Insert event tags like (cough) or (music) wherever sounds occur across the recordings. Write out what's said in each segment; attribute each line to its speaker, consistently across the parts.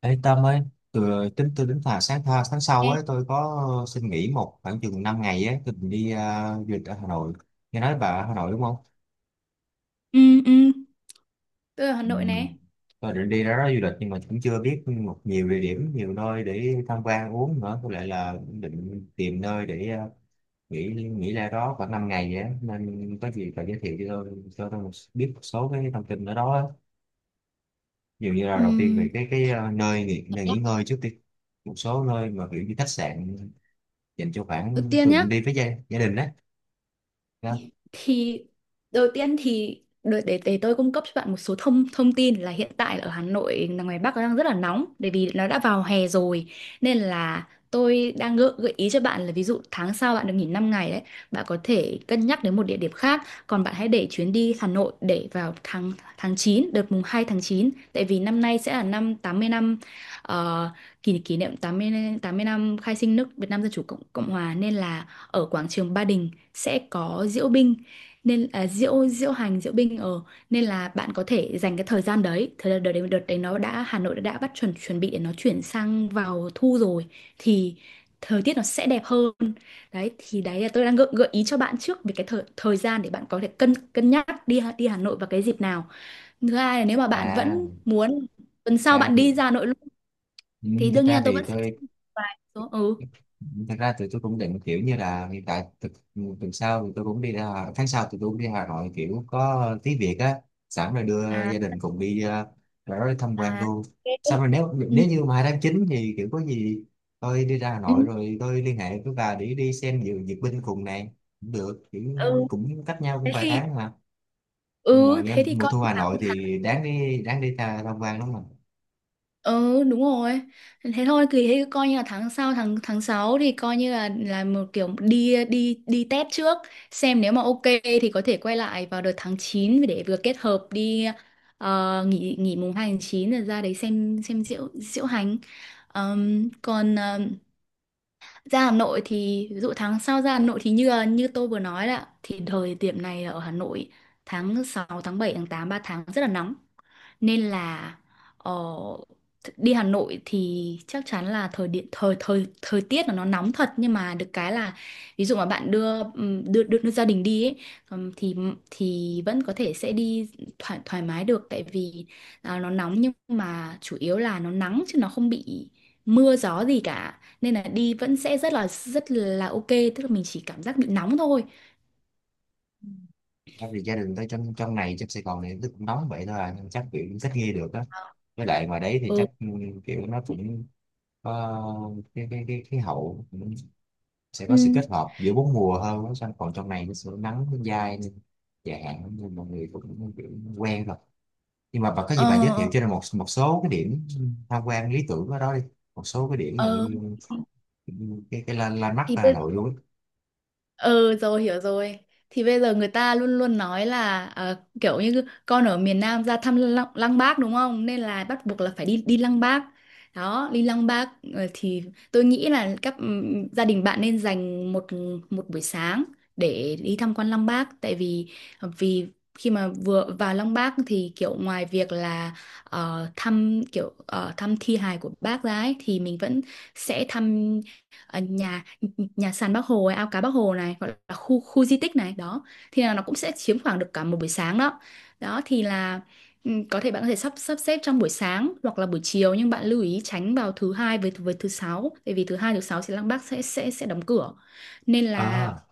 Speaker 1: Ê Tâm ơi, từ tính tôi đến là tháng sau
Speaker 2: Ê,
Speaker 1: ấy tôi có xin nghỉ một khoảng chừng 5 ngày ấy, tôi định đi du lịch ở Hà Nội. Nghe nói bà ở Hà Nội đúng không?
Speaker 2: ừ, ừ, tôi ở Hà
Speaker 1: Ừ.
Speaker 2: Nội này.
Speaker 1: Tôi định đi đó du lịch nhưng mà cũng chưa biết nhiều địa điểm, nhiều nơi để tham quan uống nữa. Có lẽ là định tìm nơi để nghỉ nghỉ ra đó khoảng 5 ngày ấy. Nên có gì bà giới thiệu cho tôi biết một số cái thông tin ở đó. Á. Dường như là đầu tiên
Speaker 2: Ừm,
Speaker 1: về cái nơi nghỉ ngơi trước đi một số nơi mà kiểu như khách sạn dành cho
Speaker 2: Đầu
Speaker 1: khoảng
Speaker 2: tiên
Speaker 1: tôi
Speaker 2: nhá,
Speaker 1: cũng đi với gia đình á đó.
Speaker 2: thì đầu tiên thì đợi để tôi cung cấp cho bạn một số thông thông tin là hiện tại ở Hà Nội là ngoài Bắc nó đang rất là nóng bởi vì nó đã vào hè rồi, nên là tôi đang gợi ý cho bạn là ví dụ tháng sau bạn được nghỉ 5 ngày đấy, bạn có thể cân nhắc đến một địa điểm khác, còn bạn hãy để chuyến đi Hà Nội để vào tháng tháng 9, đợt mùng 2 tháng 9, tại vì năm nay sẽ là năm 80 năm, ờ, kỷ kỷ niệm tám mươi năm khai sinh nước Việt Nam Dân chủ Cộng Cộng hòa, nên là ở quảng trường Ba Đình sẽ có diễu binh, nên diễu diễu hành diễu binh ở nên là bạn có thể dành cái thời gian đấy, thời gian đợt đấy nó đã, Hà Nội đã bắt chuẩn chuẩn bị để nó chuyển sang vào thu rồi thì thời tiết nó sẽ đẹp hơn. Đấy thì đấy là tôi đang gợi ý cho bạn trước về cái thời thời gian để bạn có thể cân cân nhắc đi Hà Nội vào cái dịp nào. Thứ hai là nếu mà bạn
Speaker 1: à
Speaker 2: vẫn muốn tuần
Speaker 1: thật
Speaker 2: sau
Speaker 1: ra
Speaker 2: bạn đi
Speaker 1: thì
Speaker 2: ra Hà Nội luôn
Speaker 1: ừ,
Speaker 2: thì
Speaker 1: thật
Speaker 2: đương nhiên
Speaker 1: ra
Speaker 2: là tôi
Speaker 1: thì
Speaker 2: vẫn sẽ
Speaker 1: tôi
Speaker 2: vài số ừ
Speaker 1: Thật ra thì tôi cũng định kiểu như là hiện tại tuần tuần sau thì tôi cũng đi ra tháng sau thì tôi cũng đi Hà Nội kiểu có tí việc á sẵn rồi đưa
Speaker 2: à
Speaker 1: gia đình cùng đi ra đó đi tham quan
Speaker 2: à
Speaker 1: luôn. Xong
Speaker 2: ok.
Speaker 1: rồi nếu
Speaker 2: Ừ,
Speaker 1: nếu như mà tháng 9 thì kiểu có gì tôi đi ra Hà
Speaker 2: ừ.
Speaker 1: Nội rồi tôi liên hệ với bà để đi xem duyệt binh cùng này cũng được kiểu
Speaker 2: Ừ.
Speaker 1: cũng cách nhau cũng
Speaker 2: thế
Speaker 1: vài
Speaker 2: thì
Speaker 1: tháng mà. Nhưng mà
Speaker 2: ừ
Speaker 1: nghe
Speaker 2: Thế thì
Speaker 1: mùa
Speaker 2: coi
Speaker 1: thu
Speaker 2: như
Speaker 1: Hà
Speaker 2: tháng
Speaker 1: Nội
Speaker 2: tháng
Speaker 1: thì đáng đi tham quan lắm mà.
Speaker 2: ừ, đúng rồi, thế thôi thì thế coi như là tháng sau, tháng tháng 6 thì coi như là một kiểu đi đi đi test trước, xem nếu mà ok thì có thể quay lại vào đợt tháng 9 để vừa kết hợp đi, nghỉ nghỉ mùng 2 tháng 9 rồi ra đấy xem diễu diễu hành. Còn Ra Hà Nội thì ví dụ tháng sau ra Hà Nội thì như tôi vừa nói là thì thời điểm này ở Hà Nội tháng sáu, tháng bảy, tháng tám, 3 tháng rất là nóng. Nên là, ờ, đi Hà Nội thì chắc chắn là thời điện thời thời thời tiết là nó nóng thật, nhưng mà được cái là ví dụ mà bạn đưa đưa gia đình đi ấy, thì vẫn có thể sẽ đi thoải thoải mái được, tại vì nó nóng nhưng mà chủ yếu là nó nắng chứ nó không bị mưa gió gì cả, nên là đi vẫn sẽ rất là ok, tức là mình chỉ cảm giác bị nóng thôi.
Speaker 1: Không vì gia đình tôi trong trong này trong Sài Gòn này nó cũng nóng vậy thôi à, nên chắc kiểu cũng thích nghi được á. Với lại ngoài đấy thì
Speaker 2: Ừ.
Speaker 1: chắc kiểu nó cũng có cái khí hậu cũng sẽ
Speaker 2: Ừ.
Speaker 1: có sự kết hợp giữa bốn mùa hơn á. Xong còn trong này nó sẽ nắng nó dai nên dài hạn nên mọi người cũng kiểu quen rồi. Nhưng mà bà có gì bà giới thiệu
Speaker 2: ờ
Speaker 1: cho nên một một số cái điểm tham quan lý tưởng ở đó đi, một số cái điểm mà cái
Speaker 2: ờ
Speaker 1: cái, cái landmark
Speaker 2: thì
Speaker 1: ở Hà
Speaker 2: bây
Speaker 1: Nội luôn á.
Speaker 2: Ừ, rồi, hiểu rồi. Thì bây giờ người ta luôn luôn nói là, kiểu như con ở miền Nam ra thăm Lăng Bác đúng không, nên là bắt buộc là phải đi đi Lăng Bác. Đó, đi Lăng Bác, thì tôi nghĩ là gia đình bạn nên dành một một buổi sáng để đi tham quan Lăng Bác. Tại vì vì khi mà vừa vào Lăng Bác thì kiểu ngoài việc là, thăm thi hài của bác ra ấy, thì mình vẫn sẽ thăm, nhà nhà sàn Bác Hồ ấy, ao cá Bác Hồ này, gọi là khu khu di tích này đó, thì là nó cũng sẽ chiếm khoảng được cả một buổi sáng đó. Đó thì là, có thể bạn có thể sắp sắp xếp trong buổi sáng hoặc là buổi chiều, nhưng bạn lưu ý tránh vào thứ hai với thứ sáu, bởi vì thứ hai thứ sáu sẽ là bác sẽ đóng cửa nên là.
Speaker 1: À,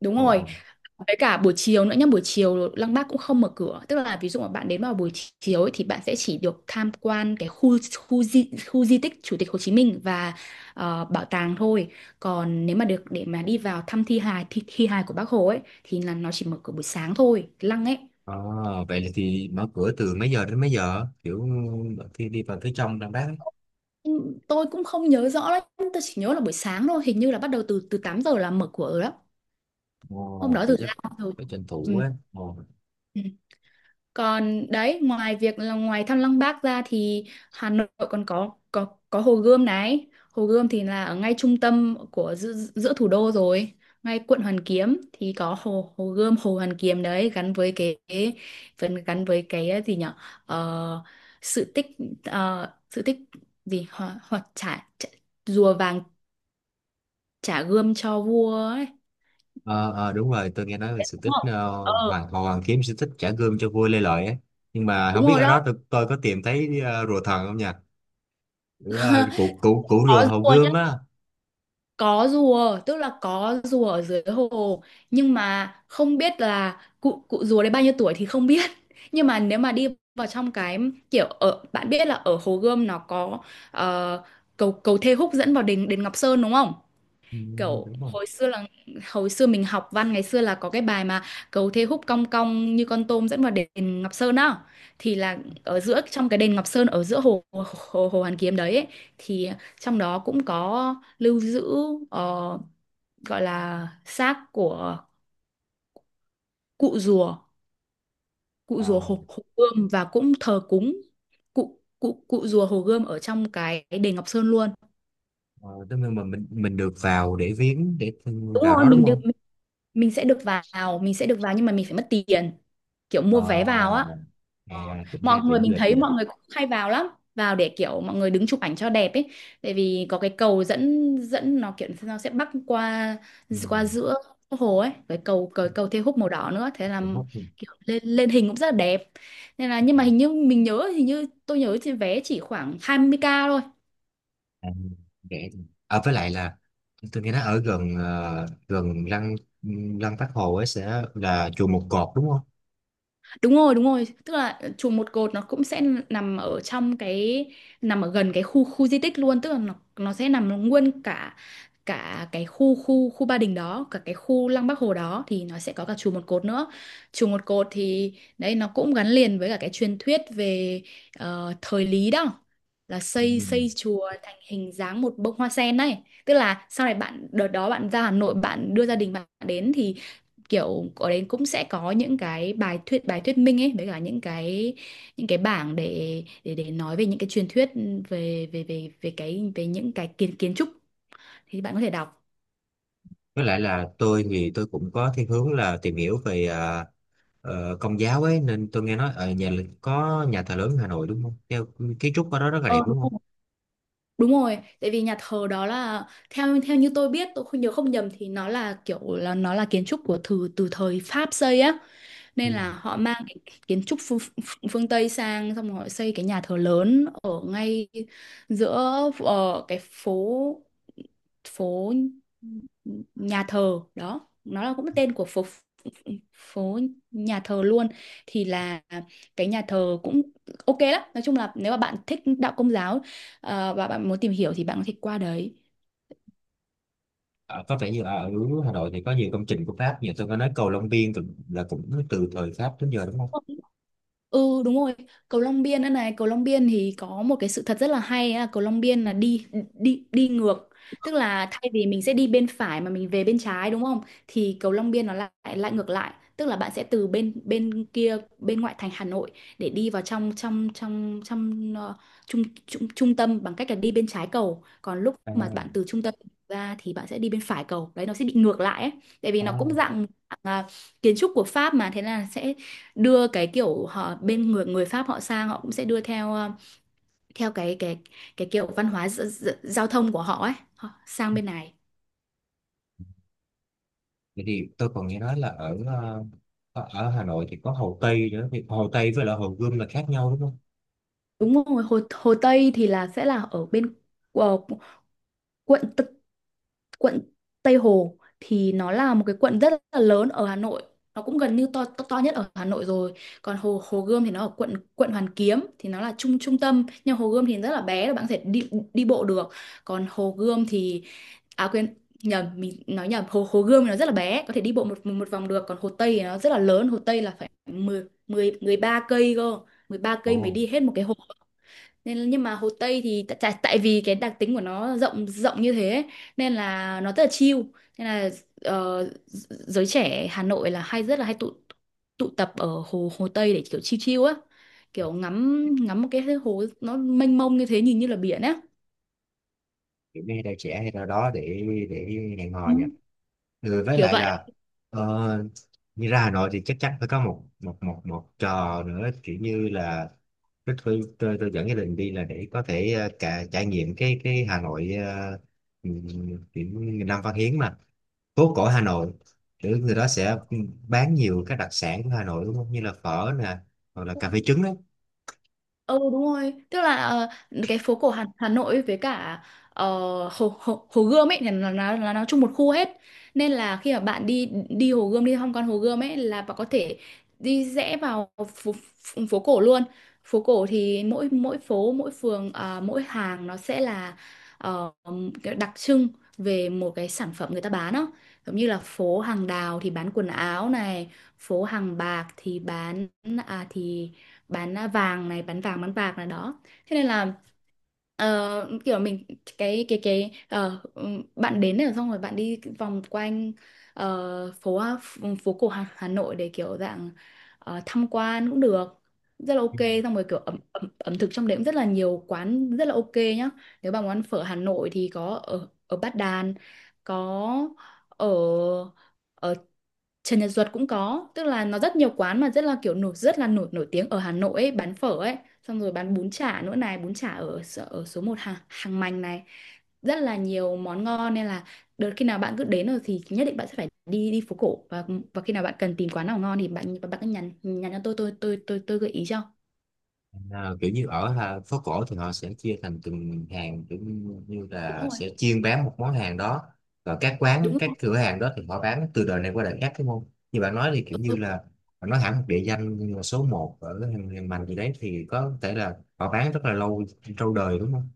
Speaker 2: Đúng
Speaker 1: ồ,
Speaker 2: rồi.
Speaker 1: ồ.
Speaker 2: Với cả buổi chiều nữa nhá, buổi chiều Lăng Bác cũng không mở cửa. Tức là ví dụ mà bạn đến vào buổi chiều ấy, thì bạn sẽ chỉ được tham quan cái khu khu di tích Chủ tịch Hồ Chí Minh và bảo tàng thôi. Còn nếu mà được để mà đi vào thăm thi hài của Bác Hồ ấy thì là nó chỉ mở cửa buổi sáng thôi, cái Lăng ấy.
Speaker 1: À, vậy là thì mở cửa từ mấy giờ đến mấy giờ? Kiểu khi đi vào phía trong Đà Bắc ấy.
Speaker 2: Ừ, tôi cũng không nhớ rõ lắm, tôi chỉ nhớ là buổi sáng thôi, hình như là bắt đầu từ từ 8 giờ là mở cửa rồi đó. Hôm
Speaker 1: Ồ,
Speaker 2: đó
Speaker 1: vậy
Speaker 2: từ
Speaker 1: chắc
Speaker 2: ra rồi.
Speaker 1: phải tranh thủ á. Ồ.
Speaker 2: Ừ. Còn đấy, ngoài việc là ngoài Thăng Long Park ra thì Hà Nội còn có Hồ Gươm này. Hồ Gươm thì là ở ngay trung tâm của giữa thủ đô rồi, ngay quận Hoàn Kiếm thì có Hồ Hồ Gươm, Hồ Hoàn Kiếm đấy, gắn với cái phần, gắn với cái, gì nhở. Ờ, sự tích sự tích gì, hoặc trả, trả rùa vàng trả gươm cho vua ấy.
Speaker 1: Ờ, ờ, đúng rồi, tôi nghe nói về sự tích
Speaker 2: Đúng không? Ờ,
Speaker 1: Hồ Hoàng Kiếm, sự tích trả gươm cho vua Lê Lợi ấy. Nhưng mà
Speaker 2: đúng
Speaker 1: không biết
Speaker 2: rồi
Speaker 1: ở
Speaker 2: đó.
Speaker 1: đó tôi có tìm thấy rùa thần không nha? Kiểu,
Speaker 2: (laughs)
Speaker 1: cụ cụ cụ
Speaker 2: Có
Speaker 1: rùa hầu
Speaker 2: rùa
Speaker 1: gươm á.
Speaker 2: có rùa, tức là có rùa ở dưới hồ nhưng mà không biết là cụ cụ rùa đấy bao nhiêu tuổi thì không biết (laughs) nhưng mà nếu mà đi vào trong cái, kiểu ở, bạn biết là ở Hồ Gươm nó có, ờ, cầu cầu Thê Húc dẫn vào đền đền Ngọc Sơn đúng không,
Speaker 1: Ừ,
Speaker 2: kiểu
Speaker 1: đúng không?
Speaker 2: hồi xưa là hồi xưa mình học văn ngày xưa là có cái bài mà cầu thế húc cong cong như con tôm dẫn vào đền Ngọc Sơn á, thì là ở giữa trong cái đền Ngọc Sơn, ở giữa hồ Hoàn Kiếm đấy ấy, thì trong đó cũng có lưu giữ, ờ, gọi là xác của cụ rùa cụ
Speaker 1: Ờ,
Speaker 2: rùa hồ Gươm, và cũng thờ cúng cụ cụ cụ rùa hồ Gươm ở trong cái đền Ngọc Sơn luôn.
Speaker 1: ờ, tức là mà mình được vào để viếng, để
Speaker 2: Đúng
Speaker 1: vào
Speaker 2: rồi
Speaker 1: đó đúng
Speaker 2: mình được
Speaker 1: không?
Speaker 2: Mình sẽ được vào, nhưng mà mình phải mất tiền, kiểu
Speaker 1: Ờ,
Speaker 2: mua vé vào á. Ờ,
Speaker 1: à, cũng đa
Speaker 2: mọi người,
Speaker 1: điểm du
Speaker 2: mình
Speaker 1: lịch
Speaker 2: thấy
Speaker 1: nhỉ.
Speaker 2: mọi người cũng hay vào lắm, vào để kiểu mọi người đứng chụp ảnh cho đẹp ấy, tại vì có cái cầu dẫn dẫn nó, kiểu nó sẽ bắc qua
Speaker 1: Ừ,
Speaker 2: qua giữa hồ ấy, cái cầu Thê Húc màu đỏ nữa, thế là
Speaker 1: điểm hot nhỉ.
Speaker 2: kiểu lên lên hình cũng rất là đẹp, nên là, nhưng mà hình như mình nhớ, hình như tôi nhớ trên vé chỉ khoảng 20k thôi.
Speaker 1: À, rẻ với lại là tôi nghe nói ở gần gần lăng lăng Bác Hồ ấy sẽ là chùa Một Cột đúng không?
Speaker 2: Đúng rồi, đúng rồi. Tức là chùa Một Cột nó cũng sẽ nằm ở trong cái nằm ở gần cái khu khu di tích luôn, tức là nó sẽ nằm nguyên cả cả cái khu khu khu Ba Đình đó, cả cái khu Lăng Bác Hồ đó thì nó sẽ có cả chùa Một Cột nữa. Chùa Một Cột thì đấy nó cũng gắn liền với cả cái truyền thuyết về, thời Lý đó, là xây
Speaker 1: Ừ.
Speaker 2: xây chùa thành hình dáng một bông hoa sen này. Tức là sau này, bạn đợt đó bạn ra Hà Nội bạn đưa gia đình bạn đến, kiểu ở đấy cũng sẽ có những cái bài thuyết minh ấy, với cả những cái bảng để nói về những cái truyền thuyết, về về về về cái về những cái kiến kiến trúc thì bạn có thể đọc.
Speaker 1: Với lại là tôi thì tôi cũng có thiên hướng là tìm hiểu về công giáo ấy nên tôi nghe nói ở có nhà thờ lớn Hà Nội đúng không? Theo kiến trúc ở đó rất là đẹp
Speaker 2: Ờ, đúng
Speaker 1: đúng không?
Speaker 2: rồi. Đúng rồi, tại vì nhà thờ đó là, theo theo như tôi biết, tôi không nhớ không nhầm thì nó là kiểu là nó là kiến trúc của, từ từ thời Pháp xây á,
Speaker 1: Ừ.
Speaker 2: nên là họ mang cái kiến trúc phương Tây sang, xong rồi họ xây cái nhà thờ lớn ở ngay giữa, cái phố phố nhà thờ đó, nó là cũng tên của phố phố nhà thờ luôn, thì là cái nhà thờ cũng ok lắm. Nói chung là nếu mà bạn thích đạo công giáo, và bạn muốn tìm hiểu thì bạn có thể qua đấy.
Speaker 1: Ờ, có vẻ như ở Hà Nội thì có nhiều công trình của Pháp, như tôi có nói cầu Long Biên là cũng từ thời Pháp đến giờ đúng không?
Speaker 2: Ừ, đúng rồi, cầu Long Biên nữa này, cầu Long Biên thì có một cái sự thật rất là hay á, cầu Long Biên là đi đi đi ngược, tức là thay vì mình sẽ đi bên phải mà mình về bên trái đúng không? Thì cầu Long Biên nó lại lại ngược lại, tức là bạn sẽ từ bên bên kia, bên ngoại thành Hà Nội, để đi vào trong trong trong trong, trung trung trung tâm bằng cách là đi bên trái cầu, còn lúc
Speaker 1: À,
Speaker 2: mà bạn từ trung tâm ra thì bạn sẽ đi bên phải cầu. Đấy nó sẽ bị ngược lại ấy, tại vì nó cũng
Speaker 1: à.
Speaker 2: dạng à, kiến trúc của Pháp, mà thế là sẽ đưa cái kiểu họ bên người người Pháp. Họ sang họ cũng sẽ đưa theo theo cái kiểu văn hóa giao thông của họ ấy, họ sang bên này.
Speaker 1: Vậy thì tôi còn nghe nói là ở ờ, ở ở Hà Nội thì có Hồ Tây nữa, thì Hồ Tây với lại Hồ Gươm là khác nhau đúng không?
Speaker 2: Đúng rồi, Hồ Hồ Tây thì là sẽ là ở bên ờ, quận quận Tây Hồ, thì nó là một cái quận rất là lớn ở Hà Nội, nó cũng gần như to nhất ở Hà Nội rồi. Còn Hồ Hồ Gươm thì nó ở quận quận Hoàn Kiếm, thì nó là trung trung tâm, nhưng Hồ Gươm thì rất là bé, là bạn có thể đi đi bộ được. Còn Hồ Gươm thì à quên nhầm mình nói nhầm, Hồ Hồ Gươm thì nó rất là bé, có thể đi bộ một một vòng được, còn Hồ Tây thì nó rất là lớn, Hồ Tây là phải mười mười 13 cây cơ, 13 cây mới
Speaker 1: Ồ,
Speaker 2: đi hết một cái hồ. Nên là- nhưng mà Hồ Tây thì tại tại tại vì cái đặc tính của nó rộng rộng như thế ấy, nên là nó rất là chill. Nên là giới trẻ Hà Nội là hay rất là hay tụ tụ tập ở hồ Hồ Tây để kiểu chill chill á, kiểu ngắm ngắm một cái hồ nó mênh mông như thế, nhìn như là biển á.
Speaker 1: kiểu như đây trẻ hay ra đó để hẹn
Speaker 2: Ừ,
Speaker 1: hò nhỉ. Ừ, với
Speaker 2: kiểu
Speaker 1: lại
Speaker 2: vậy.
Speaker 1: là ờ, như ra Hà Nội thì chắc chắn phải có một một một một trò nữa, kiểu như là tôi dẫn gia đình đi là để có thể cả trải nghiệm cái Hà Nội, uh, kiểu như Nam Văn Hiến mà, phố cổ Hà Nội, kiểu người đó sẽ bán nhiều các đặc sản của Hà Nội đúng không, như là phở nè hoặc là cà phê trứng đấy.
Speaker 2: Ừ đúng rồi, tức là cái phố cổ Hà Nội với cả ờ, Hồ Gươm ấy thì là nó chung một khu hết. Nên là khi mà bạn đi đi Hồ Gươm, đi tham quan Hồ Gươm ấy, là bạn có thể đi rẽ vào phố, phố phố cổ luôn. Phố cổ thì mỗi mỗi phố, mỗi phường, à, mỗi hàng nó sẽ là ờ, cái đặc trưng về một cái sản phẩm người ta bán đó. Giống như là phố hàng đào thì bán quần áo này, phố hàng bạc thì à thì bán vàng bán bạc này đó. Thế nên là ờ, kiểu mình cái ờ, bạn đến rồi, xong rồi bạn đi vòng quanh ờ, phố phố cổ Hà Nội, để kiểu dạng tham quan cũng được, rất là ok.
Speaker 1: Ừ.
Speaker 2: Xong rồi kiểu ẩm thực trong đấy cũng rất là nhiều quán rất là ok nhá. Nếu bạn muốn ăn phở Hà Nội thì có ở ở Bát Đàn, có ở ở Trần Nhật Duật cũng có, tức là nó rất nhiều quán mà rất là kiểu nổi rất là nổi nổi tiếng ở Hà Nội ấy, bán phở ấy. Xong rồi bán bún chả nữa này, bún chả ở ở số 1 hàng hàng mành này, rất là nhiều món ngon. Nên là đợt khi nào bạn cứ đến rồi thì nhất định bạn sẽ phải đi đi phố cổ. Và khi nào bạn cần tìm quán nào ngon thì bạn bạn cứ nhắn nhắn cho tôi, tôi gợi ý cho.
Speaker 1: À, kiểu như ở phố cổ thì họ sẽ chia thành từng hàng, kiểu như như là
Speaker 2: đúng rồi
Speaker 1: sẽ chuyên bán một món hàng đó, và các
Speaker 2: đúng
Speaker 1: quán các
Speaker 2: rồi
Speaker 1: cửa hàng đó thì họ bán từ đời này qua đời khác đúng không? Như bạn nói thì kiểu như là họ nói hẳn một địa danh như là số 1 ở hàng hàng Mành gì đấy thì có thể là họ bán rất là lâu, lâu đời đúng không?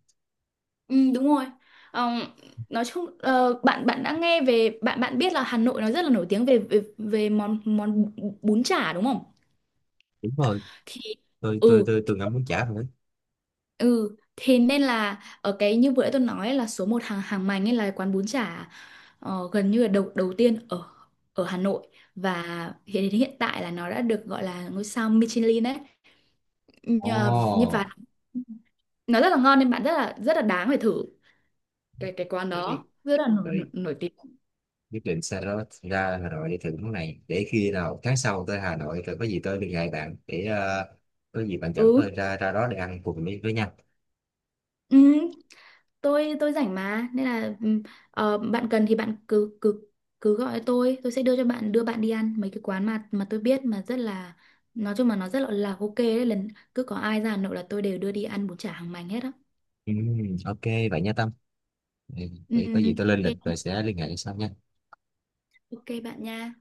Speaker 2: Ừ, đúng rồi. Ờ, nói chung bạn bạn đã nghe về, bạn bạn biết là Hà Nội nó rất là nổi tiếng về về, về món món bún chả đúng không?
Speaker 1: Đúng rồi,
Speaker 2: Thì
Speaker 1: tôi tôi
Speaker 2: ừ,
Speaker 1: tôi từng ăn bún chả rồi đấy.
Speaker 2: ừ thì nên là ở cái như vừa nãy tôi nói là số 1 hàng hàng mành ấy là quán bún chả gần như là đầu đầu tiên ở ở Hà Nội. Và hiện đến hiện tại là nó đã được gọi là ngôi sao Michelin đấy. Nhờ như và nó rất là ngon, nên bạn rất là đáng phải thử. Cái quán đó rất là
Speaker 1: Ồ,
Speaker 2: nổi tiếng.
Speaker 1: quyết định xa đó ra Hà Nội để thử món này, để khi nào tháng sau tới Hà Nội rồi có gì tôi liên hệ bạn để, có gì bạn dẫn
Speaker 2: Ừ.
Speaker 1: tôi ra ra đó để ăn cùng với nhau.
Speaker 2: Ừ, tôi rảnh mà, nên là ừ, bạn cần thì bạn cứ cứ cứ gọi tôi sẽ đưa cho bạn, đưa bạn đi ăn mấy cái quán mà tôi biết mà rất là, nói chung mà nó rất là ok đấy. Lần cứ có ai ra Hà Nội là tôi đều đưa đi ăn bún chả hàng mành hết á.
Speaker 1: Ok vậy nha Tâm. Ừ,
Speaker 2: Ừ,
Speaker 1: để có gì tôi lên lịch rồi
Speaker 2: ok.
Speaker 1: sẽ liên hệ sau nha.
Speaker 2: Ok bạn nha.